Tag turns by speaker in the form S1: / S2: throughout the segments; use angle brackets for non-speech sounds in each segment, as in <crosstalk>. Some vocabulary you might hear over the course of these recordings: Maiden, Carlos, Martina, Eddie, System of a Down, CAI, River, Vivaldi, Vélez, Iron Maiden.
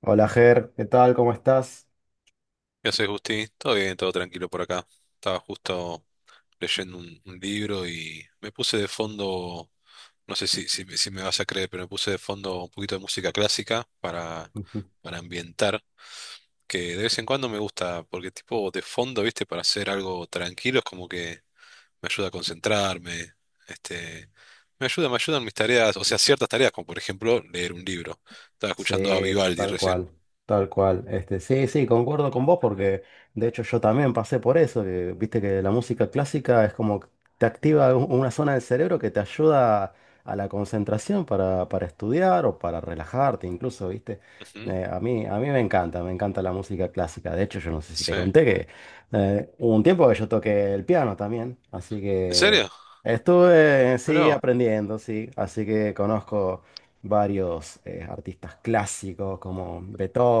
S1: Hola Ger, ¿qué tal? ¿Cómo estás?
S2: ¿Qué haces, Gusti? Todo bien, todo tranquilo por acá. Estaba justo leyendo un libro y me puse de fondo, no sé si me vas a creer, pero me puse de fondo un poquito de música clásica para,
S1: <laughs>
S2: para ambientar, que de vez en cuando me gusta, porque tipo de fondo, viste, para hacer algo tranquilo es como que me ayuda a concentrarme, este, me ayudan mis tareas, o sea, ciertas tareas, como por ejemplo leer un libro. Estaba escuchando a
S1: Sí,
S2: Vivaldi
S1: tal
S2: recién.
S1: cual, tal cual. Sí, sí, concuerdo con vos porque de hecho yo también pasé por eso, que viste que la música clásica es como que te activa una zona del cerebro que te ayuda a la concentración para estudiar o para relajarte incluso, viste.
S2: Ujú.
S1: A mí me encanta la música clásica. De hecho, yo no sé si te
S2: Sí.
S1: conté que hubo un tiempo que yo toqué el piano también, así
S2: ¿En
S1: que
S2: serio?
S1: estuve, sí,
S2: Mirá.
S1: aprendiendo, sí, así que conozco varios artistas clásicos como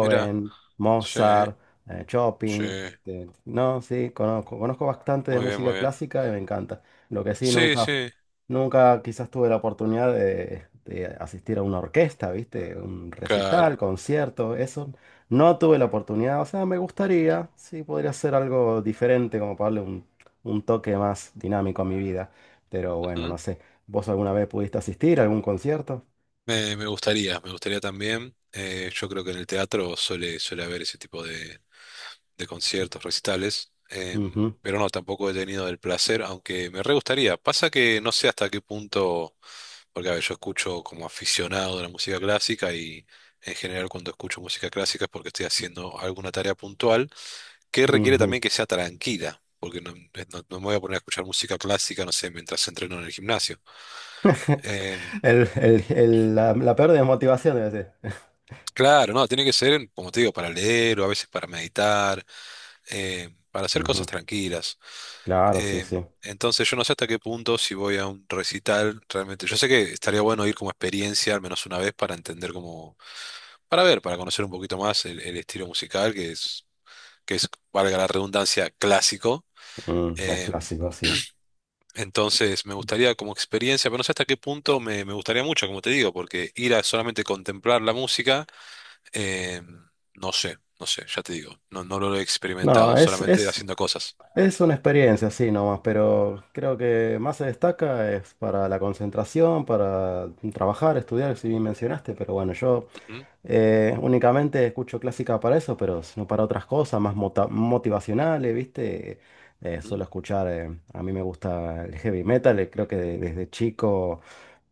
S2: Mira, sí,
S1: Mozart,
S2: sí,
S1: Chopin. No, sí, conozco, conozco bastante de
S2: muy bien,
S1: música
S2: muy bien.
S1: clásica y me encanta. Lo que sí,
S2: Sí,
S1: nunca,
S2: sí,
S1: nunca quizás tuve la oportunidad de asistir a una orquesta, ¿viste? Un recital,
S2: claro.
S1: concierto, eso. No tuve la oportunidad, o sea, me gustaría, sí, podría ser algo diferente, como para darle un toque más dinámico a mi vida. Pero bueno,
S2: Ujú.
S1: no sé. ¿Vos alguna vez pudiste asistir a algún concierto?
S2: Me gustaría también. Yo creo que en el teatro suele haber ese tipo de conciertos, recitales,
S1: Ujú.
S2: pero no, tampoco he tenido el placer, aunque me re gustaría. Pasa que no sé hasta qué punto, porque a ver, yo escucho como aficionado de la música clásica y en general cuando escucho música clásica es porque estoy haciendo alguna tarea puntual, que requiere
S1: Ujú.
S2: también que sea tranquila, porque no me voy a poner a escuchar música clásica, no sé, mientras entreno en el gimnasio.
S1: <laughs>
S2: Eh,
S1: La peor desmotivación debe ser.
S2: claro, no, tiene que ser, como te digo, para leer o a veces para meditar, para
S1: <laughs>
S2: hacer cosas
S1: Ujú.
S2: tranquilas.
S1: Claro, sí,
S2: Eh,
S1: sí.
S2: entonces yo no sé hasta qué punto si voy a un recital. Realmente, yo sé que estaría bueno ir como experiencia al menos una vez para entender cómo, para ver, para conocer un poquito más el estilo musical que es, que es, valga la redundancia, clásico.
S1: Mm, es
S2: Em,
S1: clásico, sí.
S2: Entonces, me gustaría como experiencia, pero no sé hasta qué punto me gustaría mucho, como te digo, porque ir a solamente contemplar la música, eh, no sé, ya te digo, no, no lo he experimentado,
S1: No,
S2: solamente haciendo cosas.
S1: es una experiencia, sí, nomás, pero creo que más se destaca es para la concentración, para trabajar, estudiar, si bien mencionaste, pero bueno, yo
S2: Ujú,
S1: eh, únicamente escucho clásica para eso, pero no para otras cosas, más motivacionales, ¿viste?
S2: ujú,
S1: Suelo escuchar, a mí me gusta el heavy metal, creo que desde chico...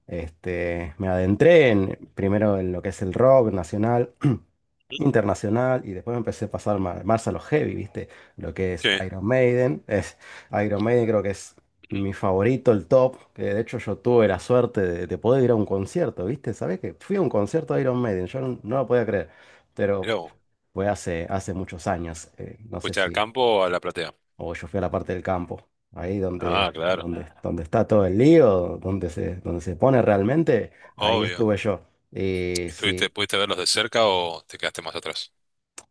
S1: Me adentré en, primero en lo que es el rock nacional, <clears throat>
S2: ujú.
S1: internacional, y después me empecé a pasar más, a los heavy, ¿viste? Lo que es
S2: Sí,
S1: Iron Maiden. Es, Iron Maiden creo que es
S2: ujú.
S1: mi favorito, el top, que de hecho yo tuve la suerte de poder ir a un concierto, ¿viste? ¿Sabés que fui a un concierto de Iron Maiden? Yo no, no lo podía creer, pero
S2: Mirá vos,
S1: fue hace, hace muchos años. No sé
S2: ¿fuiste al
S1: si
S2: campo o a la platea?
S1: o yo fui a la parte del campo, ahí
S2: Ah,
S1: donde,
S2: claro,
S1: donde está todo el lío, donde se pone realmente, ahí
S2: obvio.
S1: estuve yo. Y
S2: ¿
S1: sí,
S2: pudiste verlos de cerca o te quedaste más atrás?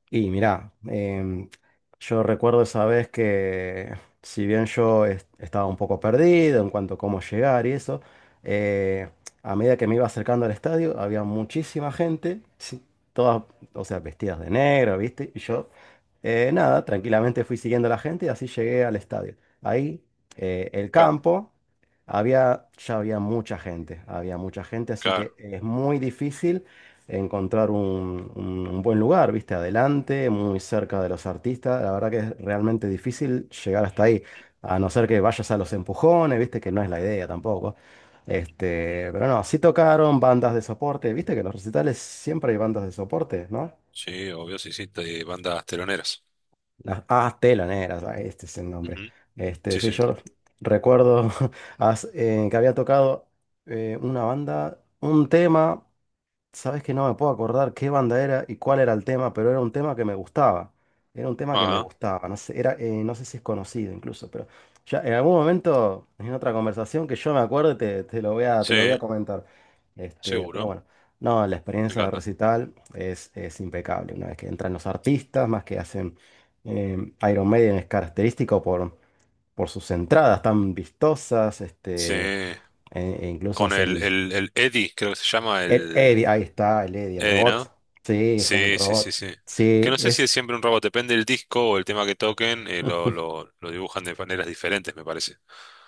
S1: y mirá, yo recuerdo esa vez que si bien yo estaba un poco perdido en cuanto a cómo llegar y eso, eh, a medida que me iba acercando al estadio había muchísima gente, sí, todas, o sea, vestidas de negro, ¿viste? Y yo, nada, tranquilamente fui siguiendo a la gente y así llegué al estadio. Ahí, el
S2: Claro.
S1: campo, había, ya había mucha gente, así
S2: Claro,
S1: que es muy difícil encontrar un buen lugar, viste, adelante, muy cerca de los artistas. La verdad que es realmente difícil llegar hasta ahí, a no ser que vayas a los empujones, viste, que no es la idea tampoco. Pero no, sí tocaron bandas de soporte, viste que en los recitales siempre hay bandas de soporte, ¿no?
S2: sí, obvio, sí, sí, de bandas teloneras.
S1: Las ah, teloneras, ah, este es el nombre.
S2: Ujú. Sí,
S1: Sí,
S2: sí.
S1: yo recuerdo <laughs> que había tocado una banda, un tema. Sabes que no me puedo acordar qué banda era y cuál era el tema, pero era un tema que me gustaba. Era un tema que me
S2: Ah,
S1: gustaba. No sé, era, no sé si es conocido incluso, pero ya en algún momento, en otra conversación que yo me acuerde, te lo voy a, te
S2: sí,
S1: lo voy a comentar. Pero
S2: seguro,
S1: bueno, no, la
S2: me
S1: experiencia de
S2: encanta.
S1: recital es impecable. Una vez que entran los artistas, más que hacen Iron Maiden es característico por sus entradas tan vistosas,
S2: Sí.
S1: e e incluso
S2: Con
S1: hacen.
S2: el Eddie, creo que se llama
S1: El
S2: el
S1: Eddie, ahí está, el Eddie, el
S2: Eddie,
S1: robot.
S2: ¿no?
S1: Sí, es como un
S2: Sí, sí, sí,
S1: robot.
S2: sí. Que
S1: Sí,
S2: no sé si
S1: es.
S2: es siempre un robot, depende del disco o el tema que toquen, lo dibujan de maneras diferentes, me parece.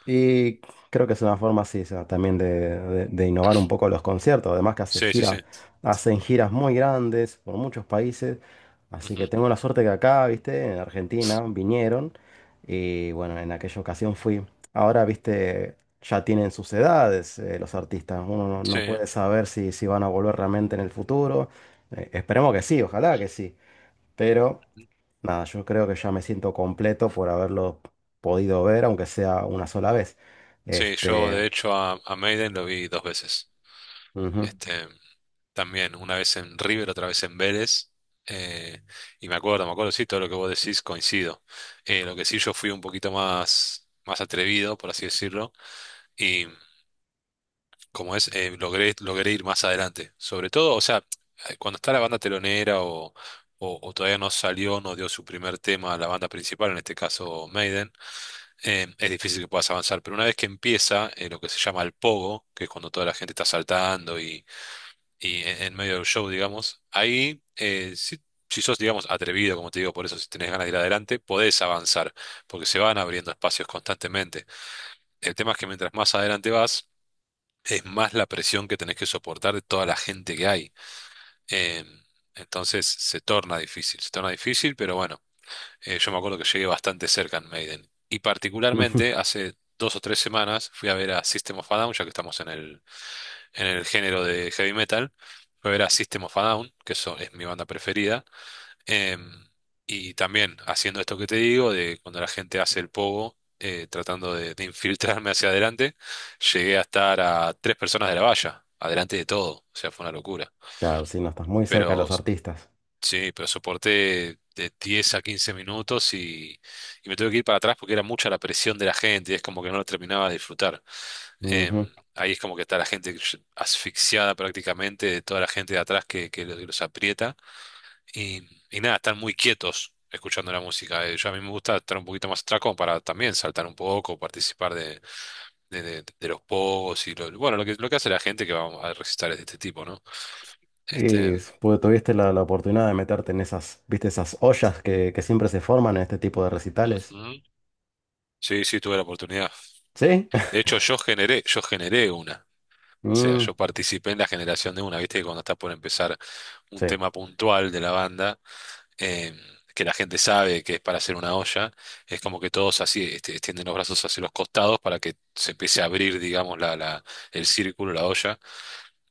S1: Y creo que es una forma, sí, esa también de, de innovar un poco los conciertos. Además que hace
S2: Sí, sí, sí.
S1: gira, hacen giras muy grandes por muchos países. Así
S2: Ujú.
S1: que tengo la suerte que acá, viste, en Argentina, vinieron. Y bueno, en aquella ocasión fui. Ahora, viste, ya tienen sus edades, los artistas. Uno no,
S2: Sí,
S1: no puede saber si, si van a volver realmente en el futuro. Esperemos que sí, ojalá que sí. Pero nada, yo creo que ya me siento completo por haberlo podido ver, aunque sea una sola vez.
S2: sí, yo
S1: Este,
S2: de hecho a Maiden lo vi dos veces.
S1: ujú, <laughs>
S2: Este, También, una vez en River, otra vez en Vélez. Eh, y me acuerdo, sí, todo lo que vos decís coincido. Lo que sí, yo fui un poquito más, más atrevido, por así decirlo. Como es, logré ir más adelante. Sobre todo, o sea, cuando está la banda telonera o todavía no salió, no dio su primer tema a la banda principal, en este caso Maiden, es difícil que puedas avanzar. Pero una vez que empieza lo que se llama el pogo, que es cuando toda la gente está saltando y, en medio del show, digamos, ahí. Si sos, digamos, atrevido, como te digo, por eso si tenés ganas de ir adelante, podés avanzar, porque se van abriendo espacios constantemente. El tema es que mientras más adelante vas, es más la presión que tenés que soportar de toda la gente que hay. Em, entonces se torna difícil, pero bueno, yo me acuerdo que llegué bastante cerca en Maiden. Y particularmente
S1: ujú.
S2: hace 2 o 3 semanas fui a ver a System of a Down, ya que estamos en el género de heavy metal, fui a ver a System of a Down, que eso es mi banda preferida. Em, y también haciendo esto que te digo, de cuando la gente hace el pogo, tratando de infiltrarme hacia adelante, llegué a estar a tres personas de la valla, adelante de todo, o sea, fue una locura.
S1: Claro, si no estás muy cerca de
S2: Pero
S1: los artistas.
S2: sí, pero soporté de 10 a 15 minutos y me tuve que ir para atrás porque era mucha la presión de la gente y es como que no lo terminaba de disfrutar. Em,
S1: Ujú.
S2: ahí es como que está la gente asfixiada prácticamente, de toda la gente de atrás que los aprieta y, y nada, están muy quietos escuchando la música. Yo a mí me gusta estar un poquito más atrás como para también saltar un poco, participar de los pogos y bueno, lo que hace la gente que va a recitar es de este tipo, ¿no? Este,
S1: Y pues, tuviste la, la oportunidad de meterte en esas, viste, esas ollas que siempre se forman en este tipo de recitales.
S2: Ujú. Sí, sí, tuve la oportunidad.
S1: ¿Sí?
S2: De
S1: <laughs>
S2: hecho, yo generé una. O sea,
S1: Mm,
S2: yo participé en la generación de una, viste que cuando está por empezar un
S1: sí.
S2: tema puntual de la banda, em, que la gente sabe que es para hacer una olla, es como que todos así extienden los brazos hacia los costados para que se empiece a abrir, digamos, el círculo, la olla.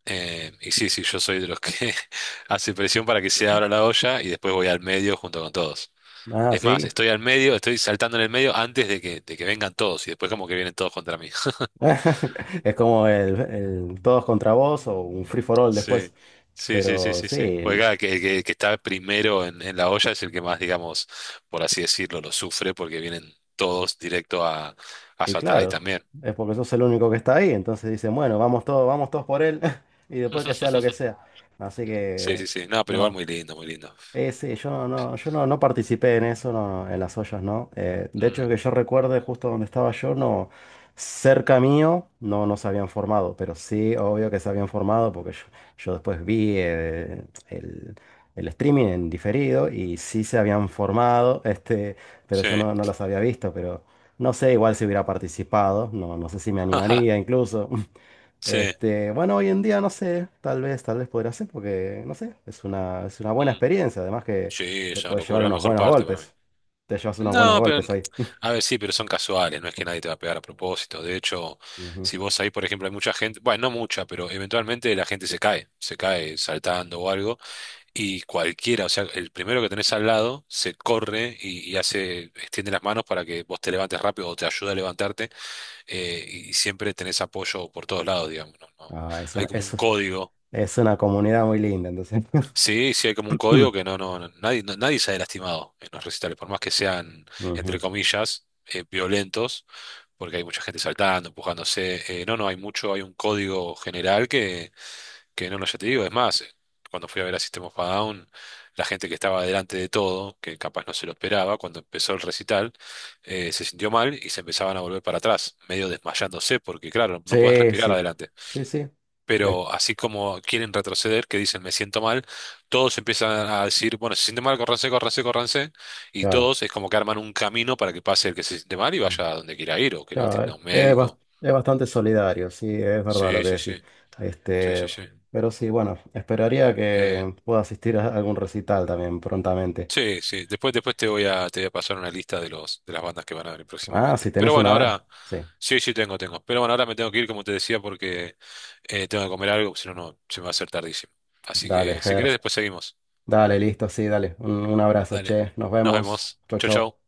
S2: Y sí, sí, yo soy de los que <laughs> hace presión para que se abra la olla y después voy al medio junto con todos.
S1: Ah,
S2: Es más,
S1: sí.
S2: estoy al medio, estoy saltando en el medio antes de que vengan todos y después como que vienen todos contra mí. <laughs>
S1: <laughs> Es como el todos contra vos o un free for all después.
S2: Sí, sí, sí, sí,
S1: Pero
S2: sí, sí. Pues
S1: sí,
S2: claro, que, el que está primero en la olla es el que más, digamos, por así decirlo, lo sufre porque vienen todos directo a
S1: y
S2: saltar ahí
S1: claro,
S2: también.
S1: es porque sos el único que está ahí, entonces dicen, bueno, vamos todos por él, <laughs> y después que sea lo que
S2: <laughs>
S1: sea. Así
S2: Sí,
S1: que,
S2: sí, sí. No, pero igual
S1: no.
S2: muy lindo, muy lindo.
S1: Sí, yo no, no, yo no, no participé en eso, no, no, en las ollas, ¿no? De
S2: Mm,
S1: hecho, que yo recuerde justo donde estaba yo, no, cerca mío, no, no se habían formado, pero sí, obvio que se habían formado, porque yo después vi el, el streaming en diferido y sí se habían formado, pero
S2: sí,
S1: yo no, no los había visto, pero no sé, igual si hubiera participado, no, no sé si me animaría incluso. <laughs>
S2: <laughs> sí.
S1: Bueno, hoy en día no sé, tal vez podría ser, porque no sé, es una buena
S2: Mm,
S1: experiencia. Además que
S2: sí,
S1: te
S2: es una
S1: puedes llevar
S2: locura, la
S1: unos
S2: mejor
S1: buenos
S2: parte para mí.
S1: golpes. Te llevas unos buenos
S2: No, pero,
S1: golpes ahí. <laughs>
S2: a ver, sí, pero son casuales, no es que nadie te va a pegar a propósito. De hecho,
S1: Ujú.
S2: si vos ahí, por ejemplo, hay mucha gente, bueno, no mucha, pero eventualmente la gente se cae saltando o algo. Y cualquiera, o sea, el primero que tenés al lado se corre y extiende las manos para que vos te levantes rápido o te ayuda a levantarte, y siempre tenés apoyo por todos lados, digamos, no, no.
S1: Ah,
S2: Hay como un código.
S1: es una comunidad muy linda, entonces. <laughs>
S2: Sí, sí hay como un código que nadie sale lastimado en los recitales, por más que sean,
S1: Ujú.
S2: entre comillas, violentos, porque hay mucha gente saltando, empujándose. No, no, hay un código general que no, no, ya te digo, es más, cuando fui a ver a System of a Down, la gente que estaba delante de todo, que capaz no se lo esperaba, cuando empezó el recital, se sintió mal y se empezaban a volver para atrás, medio desmayándose, porque claro, no podés
S1: Sí,
S2: respirar
S1: sí.
S2: adelante.
S1: Sí, sí. Eh,
S2: Pero así como quieren retroceder, que dicen me siento mal, todos empiezan a decir, bueno, se siente mal, córranse, córranse, córranse, y
S1: claro.
S2: todos es como que arman un camino para que pase el que se siente mal y
S1: Mm.
S2: vaya a donde quiera ir, o que lo
S1: Claro,
S2: atienda un
S1: es,
S2: médico.
S1: es bastante solidario, sí, es verdad lo
S2: Sí,
S1: que
S2: sí,
S1: decís.
S2: sí, sí, sí,
S1: Este,
S2: sí.
S1: pero sí, bueno, esperaría
S2: Eh,
S1: que pueda asistir a algún recital también prontamente.
S2: Sí, sí. Después te voy a pasar una lista de los, de las bandas que van a venir
S1: Ah, si
S2: próximamente. Pero
S1: tenés una
S2: bueno,
S1: edad.
S2: ahora,
S1: Sí.
S2: sí, sí, tengo. Pero bueno, ahora me tengo que ir, como te decía, porque tengo que comer algo, si no, se me va a hacer tardísimo. Así
S1: Dale,
S2: que, si
S1: Ger.
S2: querés, después seguimos.
S1: Dale, listo, sí, dale. Un abrazo,
S2: Dale.
S1: che. Nos
S2: Nos
S1: vemos.
S2: vemos.
S1: Chau,
S2: Chau, chau.
S1: chau.